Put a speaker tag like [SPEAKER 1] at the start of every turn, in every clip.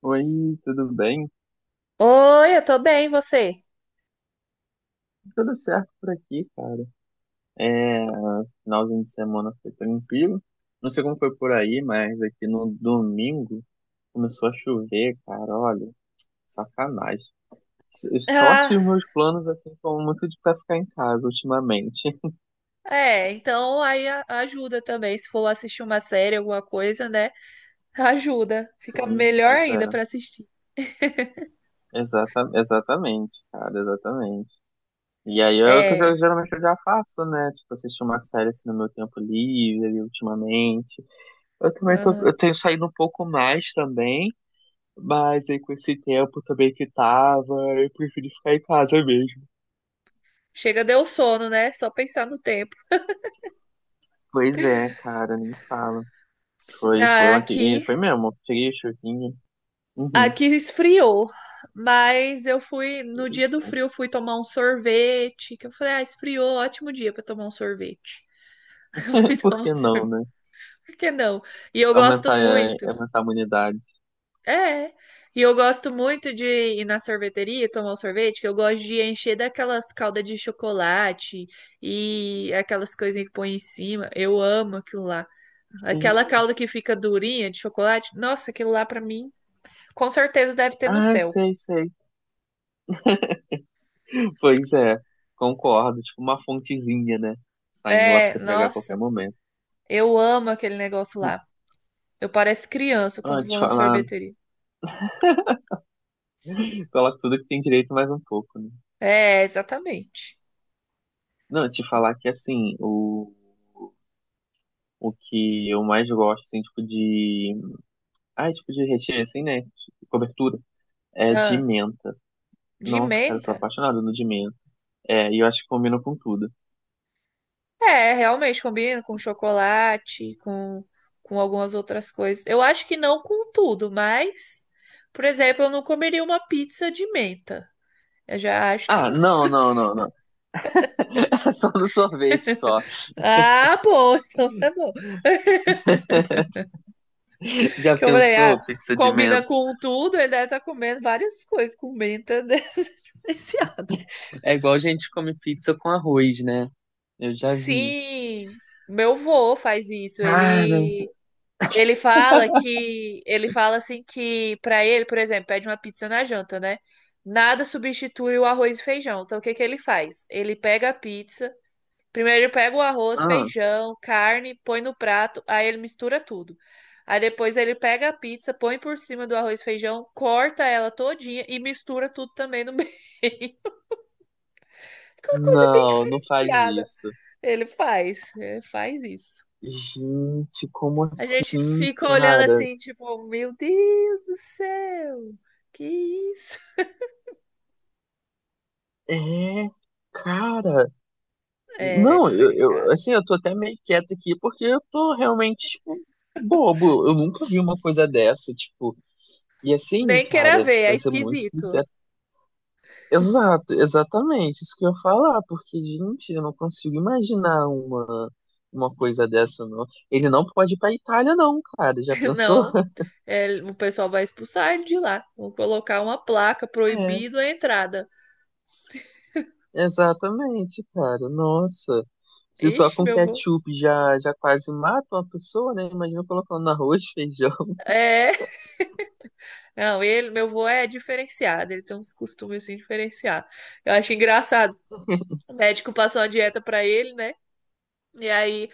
[SPEAKER 1] Oi, tudo bem?
[SPEAKER 2] Oi, eu tô bem, você?
[SPEAKER 1] Tudo certo por aqui, cara. É, finalzinho de semana foi tranquilo. Não sei como foi por aí, mas aqui no domingo começou a chover, cara. Olha, sacanagem. Sorte
[SPEAKER 2] Ah,
[SPEAKER 1] que os meus planos, assim, foram muito de pra ficar em casa ultimamente.
[SPEAKER 2] é, então ajuda também. Se for assistir uma série, alguma coisa, né? Ajuda. Fica
[SPEAKER 1] Sim,
[SPEAKER 2] melhor
[SPEAKER 1] pois é.
[SPEAKER 2] ainda pra assistir.
[SPEAKER 1] Exatamente, cara, exatamente. E aí é o que
[SPEAKER 2] É,
[SPEAKER 1] geralmente eu já faço, né? Tipo, assistir uma série assim no meu tempo livre, ultimamente.
[SPEAKER 2] aham.
[SPEAKER 1] Eu tenho saído um pouco mais também. Mas aí com esse tempo também que tava, eu preferi ficar em casa mesmo.
[SPEAKER 2] Chega, deu sono, né? Só pensar no tempo.
[SPEAKER 1] Pois é, cara, nem fala. Foi
[SPEAKER 2] Ah,
[SPEAKER 1] ontem, e
[SPEAKER 2] aqui,
[SPEAKER 1] foi mesmo, tirei o chuvinho. Uhum.
[SPEAKER 2] aqui esfriou. Mas eu fui, no dia do
[SPEAKER 1] Eita.
[SPEAKER 2] frio, eu fui tomar um sorvete. Que eu falei, ah, esfriou, ótimo dia pra tomar um sorvete. Eu fui
[SPEAKER 1] Por
[SPEAKER 2] tomar
[SPEAKER 1] que
[SPEAKER 2] um
[SPEAKER 1] não,
[SPEAKER 2] sorvete.
[SPEAKER 1] né?
[SPEAKER 2] Por que não? E eu gosto muito.
[SPEAKER 1] Aumentar a imunidade.
[SPEAKER 2] É. é. E eu gosto muito de ir na sorveteria e tomar um sorvete, que eu gosto de encher daquelas caldas de chocolate e aquelas coisinhas que põe em cima. Eu amo aquilo lá. Aquela
[SPEAKER 1] Sim.
[SPEAKER 2] calda que fica durinha de chocolate. Nossa, aquilo lá pra mim, com certeza deve ter no
[SPEAKER 1] Ah,
[SPEAKER 2] céu.
[SPEAKER 1] sei, sei. Pois é, concordo. Tipo uma fontezinha, né? Saindo lá pra
[SPEAKER 2] É,
[SPEAKER 1] você pegar a qualquer
[SPEAKER 2] nossa,
[SPEAKER 1] momento.
[SPEAKER 2] eu amo aquele negócio lá. Eu pareço criança
[SPEAKER 1] Ah,
[SPEAKER 2] quando
[SPEAKER 1] te
[SPEAKER 2] vou na
[SPEAKER 1] falar,
[SPEAKER 2] sorveteria.
[SPEAKER 1] coloca tudo que tem direito mais um pouco, né?
[SPEAKER 2] É, exatamente.
[SPEAKER 1] Não, te falar que assim, o que eu mais gosto, assim, tipo de. Ah, tipo de recheio, assim, né? Cobertura. É de
[SPEAKER 2] Ah,
[SPEAKER 1] menta.
[SPEAKER 2] de
[SPEAKER 1] Nossa, cara, eu sou
[SPEAKER 2] menta?
[SPEAKER 1] apaixonado no de menta. É, e eu acho que combina com tudo.
[SPEAKER 2] É, realmente combina com chocolate, com algumas outras coisas. Eu acho que não com tudo, mas, por exemplo, eu não comeria uma pizza de menta. Eu já acho que
[SPEAKER 1] Ah,
[SPEAKER 2] não.
[SPEAKER 1] não, não, não, não. É só no sorvete só.
[SPEAKER 2] Ah, bom, então é bom.
[SPEAKER 1] Já
[SPEAKER 2] Que eu falei, ah,
[SPEAKER 1] pensou, pizza de
[SPEAKER 2] combina
[SPEAKER 1] menta?
[SPEAKER 2] com tudo, ele deve estar comendo várias coisas com menta, né? Esse
[SPEAKER 1] É igual a gente come pizza com arroz, né? Eu já vi.
[SPEAKER 2] sim, meu vô faz isso.
[SPEAKER 1] Cara,
[SPEAKER 2] Ele fala que ele fala assim que pra ele, por exemplo, pede uma pizza na janta, né? Nada substitui o arroz e feijão. Então o que que ele faz? Ele pega a pizza, primeiro ele pega o arroz,
[SPEAKER 1] ah,
[SPEAKER 2] feijão, carne, põe no prato, aí ele mistura tudo. Aí depois ele pega a pizza, põe por cima do arroz e feijão, corta ela todinha e mistura tudo também no meio. Que é uma coisa bem
[SPEAKER 1] não, não faz
[SPEAKER 2] diferenciada.
[SPEAKER 1] isso.
[SPEAKER 2] Ele faz isso.
[SPEAKER 1] Gente, como
[SPEAKER 2] A gente
[SPEAKER 1] assim,
[SPEAKER 2] fica olhando
[SPEAKER 1] cara?
[SPEAKER 2] assim, tipo, meu Deus do céu, que isso?
[SPEAKER 1] É, cara.
[SPEAKER 2] É, ele é
[SPEAKER 1] Não,
[SPEAKER 2] diferenciado.
[SPEAKER 1] assim, eu tô até meio quieto aqui porque eu tô realmente, tipo, bobo. Eu nunca vi uma coisa dessa, tipo, e assim,
[SPEAKER 2] Nem queira
[SPEAKER 1] cara,
[SPEAKER 2] ver, é
[SPEAKER 1] pra ser muito
[SPEAKER 2] esquisito.
[SPEAKER 1] sincero. Exato, exatamente, isso que eu ia falar, porque, gente, eu não consigo imaginar uma coisa dessa, não. Ele não pode ir pra Itália, não, cara, já pensou?
[SPEAKER 2] Não, é, o pessoal vai expulsar ele de lá. Vão colocar uma placa
[SPEAKER 1] É,
[SPEAKER 2] proibido a entrada.
[SPEAKER 1] exatamente, cara, nossa. Se só
[SPEAKER 2] Ixi,
[SPEAKER 1] com
[SPEAKER 2] meu vô.
[SPEAKER 1] ketchup já quase mata uma pessoa, né? Imagina colocando arroz, feijão.
[SPEAKER 2] É, não, ele, meu vô é diferenciado, ele tem uns costumes assim diferenciados. Eu acho engraçado. O médico passou uma dieta pra ele, né? E aí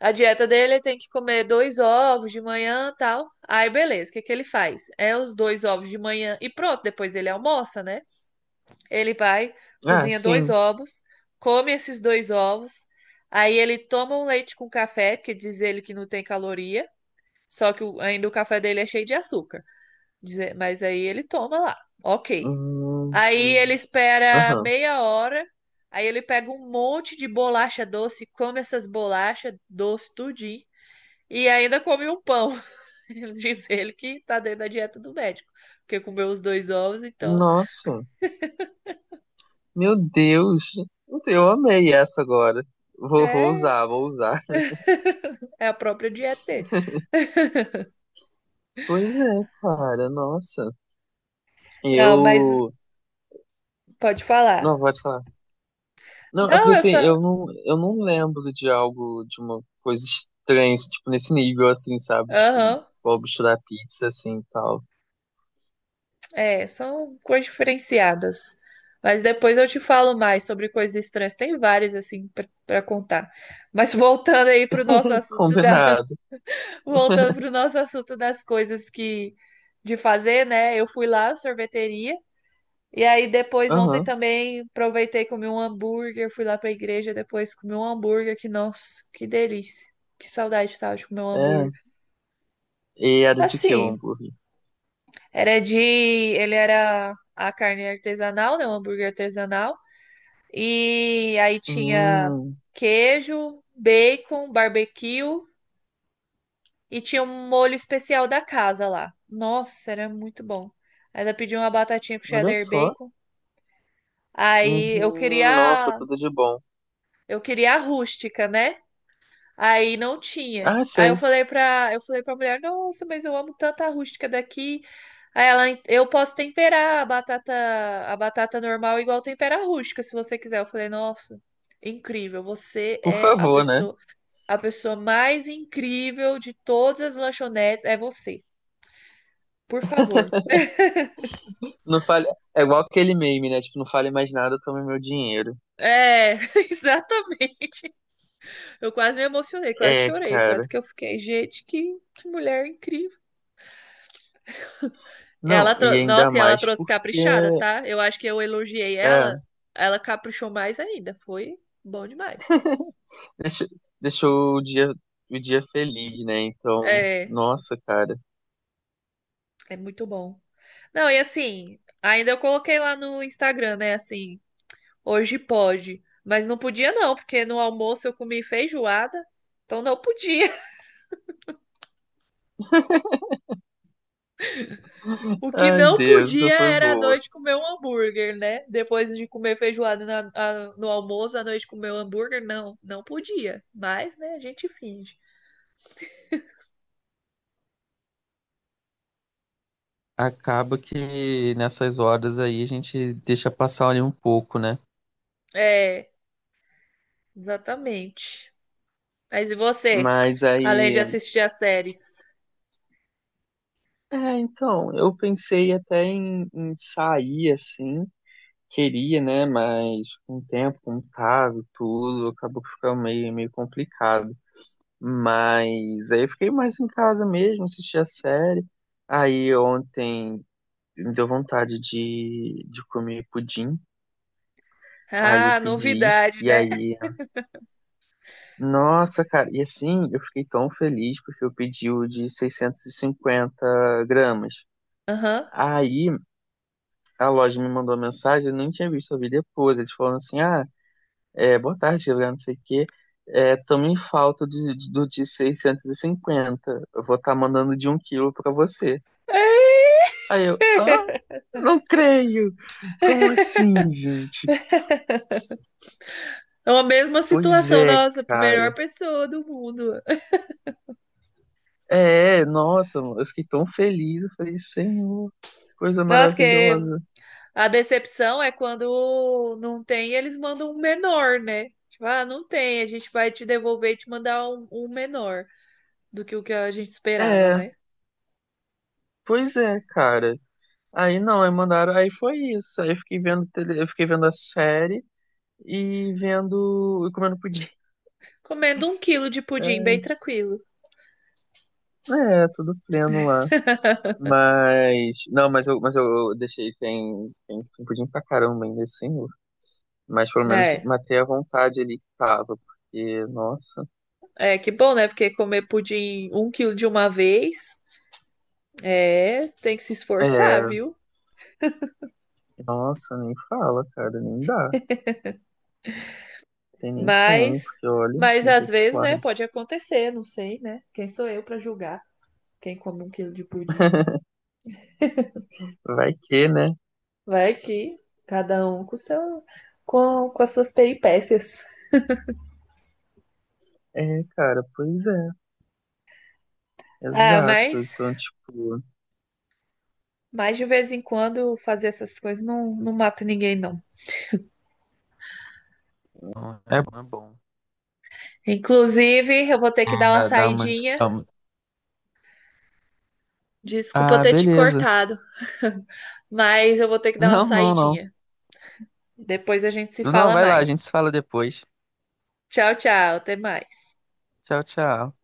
[SPEAKER 2] a dieta dele tem que comer dois ovos de manhã, e tal. Aí beleza, o que que ele faz? É os dois ovos de manhã e pronto, depois ele almoça, né? Ele vai,
[SPEAKER 1] Ah,
[SPEAKER 2] cozinha dois
[SPEAKER 1] sim.
[SPEAKER 2] ovos, come esses dois ovos. Aí ele toma um leite com café, que diz ele que não tem caloria, ainda o café dele é cheio de açúcar. Mas aí ele toma lá. Ok.
[SPEAKER 1] Hum.
[SPEAKER 2] Aí ele espera
[SPEAKER 1] Aham.
[SPEAKER 2] meia hora, aí ele pega um monte de bolacha doce, come essas bolachas doce tudinho e ainda come um pão. Ele Diz ele que tá dentro da dieta do médico, porque comeu os dois ovos, então
[SPEAKER 1] Nossa, meu Deus. Eu amei essa agora.
[SPEAKER 2] é,
[SPEAKER 1] Vou usar.
[SPEAKER 2] é a própria dieta dele.
[SPEAKER 1] Pois é, cara, nossa.
[SPEAKER 2] Não, mas
[SPEAKER 1] Eu.
[SPEAKER 2] pode falar.
[SPEAKER 1] Não, pode falar. Não, é porque
[SPEAKER 2] Não, eu
[SPEAKER 1] assim,
[SPEAKER 2] só.
[SPEAKER 1] eu não lembro de algo, de uma coisa estranha, assim, tipo, nesse nível, assim, sabe? Tipo,
[SPEAKER 2] Aham,
[SPEAKER 1] vou misturar pizza, assim, e tal.
[SPEAKER 2] é, são coisas diferenciadas. Mas depois eu te falo mais sobre coisas estranhas. Tem várias, assim, pra contar. Mas
[SPEAKER 1] Combinado.
[SPEAKER 2] Voltando para o nosso assunto das coisas que de fazer, né? Eu fui lá, sorveteria. E aí depois ontem
[SPEAKER 1] Aham,
[SPEAKER 2] também aproveitei e comi um hambúrguer, fui lá para a igreja, depois comi um hambúrguer que nossa, que delícia. Que saudade que tava de comer um hambúrguer.
[SPEAKER 1] é. E era de que o
[SPEAKER 2] Assim,
[SPEAKER 1] hambúrguer?
[SPEAKER 2] era de, ele era a carne artesanal, né? Um hambúrguer artesanal. E aí tinha
[SPEAKER 1] Hum,
[SPEAKER 2] queijo, bacon, barbecue. E tinha um molho especial da casa lá. Nossa, era muito bom. Ainda pedi uma batatinha com
[SPEAKER 1] olha
[SPEAKER 2] cheddar
[SPEAKER 1] só.
[SPEAKER 2] bacon. Aí eu
[SPEAKER 1] Uhum, nossa,
[SPEAKER 2] queria,
[SPEAKER 1] tudo de bom.
[SPEAKER 2] eu queria a rústica, né? Aí não tinha.
[SPEAKER 1] Ah,
[SPEAKER 2] Aí
[SPEAKER 1] sei.
[SPEAKER 2] eu falei pra mulher, nossa, mas eu amo tanto a rústica daqui. Aí ela, eu posso temperar a batata normal igual tempera a rústica, se você quiser. Eu falei, nossa, incrível. Você
[SPEAKER 1] Por
[SPEAKER 2] é
[SPEAKER 1] favor, né?
[SPEAKER 2] a pessoa mais incrível de todas as lanchonetes, é você. Por favor.
[SPEAKER 1] Não fale. É igual aquele meme, né? Tipo, não fale mais nada, tome meu dinheiro.
[SPEAKER 2] É, exatamente. Eu quase me emocionei, quase
[SPEAKER 1] É,
[SPEAKER 2] chorei, quase
[SPEAKER 1] cara.
[SPEAKER 2] que eu fiquei, gente, que mulher incrível.
[SPEAKER 1] Não, e ainda
[SPEAKER 2] Nossa, e ela
[SPEAKER 1] mais
[SPEAKER 2] trouxe
[SPEAKER 1] porque
[SPEAKER 2] caprichada, tá? Eu acho que eu elogiei
[SPEAKER 1] é,
[SPEAKER 2] ela, ela caprichou mais ainda. Foi bom demais.
[SPEAKER 1] deixa- deixou o dia feliz, né? Então,
[SPEAKER 2] É,
[SPEAKER 1] nossa, cara.
[SPEAKER 2] é muito bom. Não, e assim, ainda eu coloquei lá no Instagram, né, assim, hoje pode, mas não podia não, porque no almoço eu comi feijoada, então não podia. O que
[SPEAKER 1] Ai,
[SPEAKER 2] não
[SPEAKER 1] Deus, isso
[SPEAKER 2] podia
[SPEAKER 1] foi
[SPEAKER 2] era à
[SPEAKER 1] boa.
[SPEAKER 2] noite comer um hambúrguer, né? Depois de comer feijoada no almoço, à noite comer um hambúrguer, não, não podia. Mas, né, a gente finge.
[SPEAKER 1] Acaba que nessas horas aí a gente deixa passar ali um pouco, né?
[SPEAKER 2] É, exatamente. Mas e você,
[SPEAKER 1] Mas
[SPEAKER 2] além de
[SPEAKER 1] aí,
[SPEAKER 2] assistir as séries?
[SPEAKER 1] é, então, eu pensei até em sair assim. Queria, né? Mas com o tempo, com o cargo, tudo, acabou que ficou meio complicado. Mas aí eu fiquei mais em casa mesmo, assisti a série. Aí ontem me deu vontade de comer pudim. Aí eu
[SPEAKER 2] Ah,
[SPEAKER 1] pedi.
[SPEAKER 2] novidade,
[SPEAKER 1] E
[SPEAKER 2] né?
[SPEAKER 1] aí, nossa, cara, e assim eu fiquei tão feliz porque eu pedi o de 650 gramas.
[SPEAKER 2] Aham.
[SPEAKER 1] Aí a loja me mandou uma mensagem, eu nem tinha visto, eu vi depois. Eles falaram assim: ah. É, boa tarde, Gabriel, não sei o quê. É, tô em falta do de 650. Eu vou estar mandando de um quilo pra você. Aí eu, ah, não creio! Como assim, gente?
[SPEAKER 2] É a mesma
[SPEAKER 1] Pois
[SPEAKER 2] situação,
[SPEAKER 1] é,
[SPEAKER 2] nossa, melhor
[SPEAKER 1] cara.
[SPEAKER 2] pessoa do mundo.
[SPEAKER 1] É, nossa, eu fiquei tão feliz. Eu falei, Senhor, que coisa
[SPEAKER 2] Nossa, que
[SPEAKER 1] maravilhosa.
[SPEAKER 2] a decepção é quando não tem, eles mandam um menor, né? Tipo, ah, não tem, a gente vai te devolver e te mandar um, um menor do que o que a gente esperava,
[SPEAKER 1] É,
[SPEAKER 2] né?
[SPEAKER 1] pois é, cara. Aí não, aí mandaram, aí foi isso. Aí eu fiquei vendo, tele, eu fiquei vendo a série e vendo, e comendo pudim.
[SPEAKER 2] Comendo um quilo de pudim, bem tranquilo,
[SPEAKER 1] É, tudo pleno lá. Mas. Não, mas eu deixei. Tem um pudim pra caramba ainda assim. Mas pelo menos
[SPEAKER 2] né?
[SPEAKER 1] matei a vontade ali que tava. Porque, nossa.
[SPEAKER 2] É, que bom, né? Porque comer pudim um quilo de uma vez, é, tem que se esforçar,
[SPEAKER 1] É.
[SPEAKER 2] viu?
[SPEAKER 1] Nossa, nem fala, cara. Nem dá. Tem nem como.
[SPEAKER 2] Mas,
[SPEAKER 1] Porque, olha,
[SPEAKER 2] mas às vezes, né,
[SPEAKER 1] misericórdia.
[SPEAKER 2] pode acontecer, não sei, né? Quem sou eu pra julgar quem come um quilo de pudim?
[SPEAKER 1] Vai que, né?
[SPEAKER 2] Vai que cada um com seu, com as suas peripécias.
[SPEAKER 1] É, cara, pois é.
[SPEAKER 2] Ah,
[SPEAKER 1] Exato. Então, tipo.
[SPEAKER 2] mas de vez em quando fazer essas coisas não, não mata ninguém, não.
[SPEAKER 1] É bom, é bom.
[SPEAKER 2] Inclusive, eu vou ter que dar uma
[SPEAKER 1] Dá dá uma. De-
[SPEAKER 2] saidinha.
[SPEAKER 1] dá uma-
[SPEAKER 2] Desculpa eu
[SPEAKER 1] Ah,
[SPEAKER 2] ter te
[SPEAKER 1] beleza.
[SPEAKER 2] cortado, mas eu vou ter que dar uma
[SPEAKER 1] Não, não, não.
[SPEAKER 2] saidinha. Depois a gente se
[SPEAKER 1] Não,
[SPEAKER 2] fala
[SPEAKER 1] vai lá, a gente se
[SPEAKER 2] mais.
[SPEAKER 1] fala depois.
[SPEAKER 2] Tchau, tchau, até mais.
[SPEAKER 1] Tchau, tchau.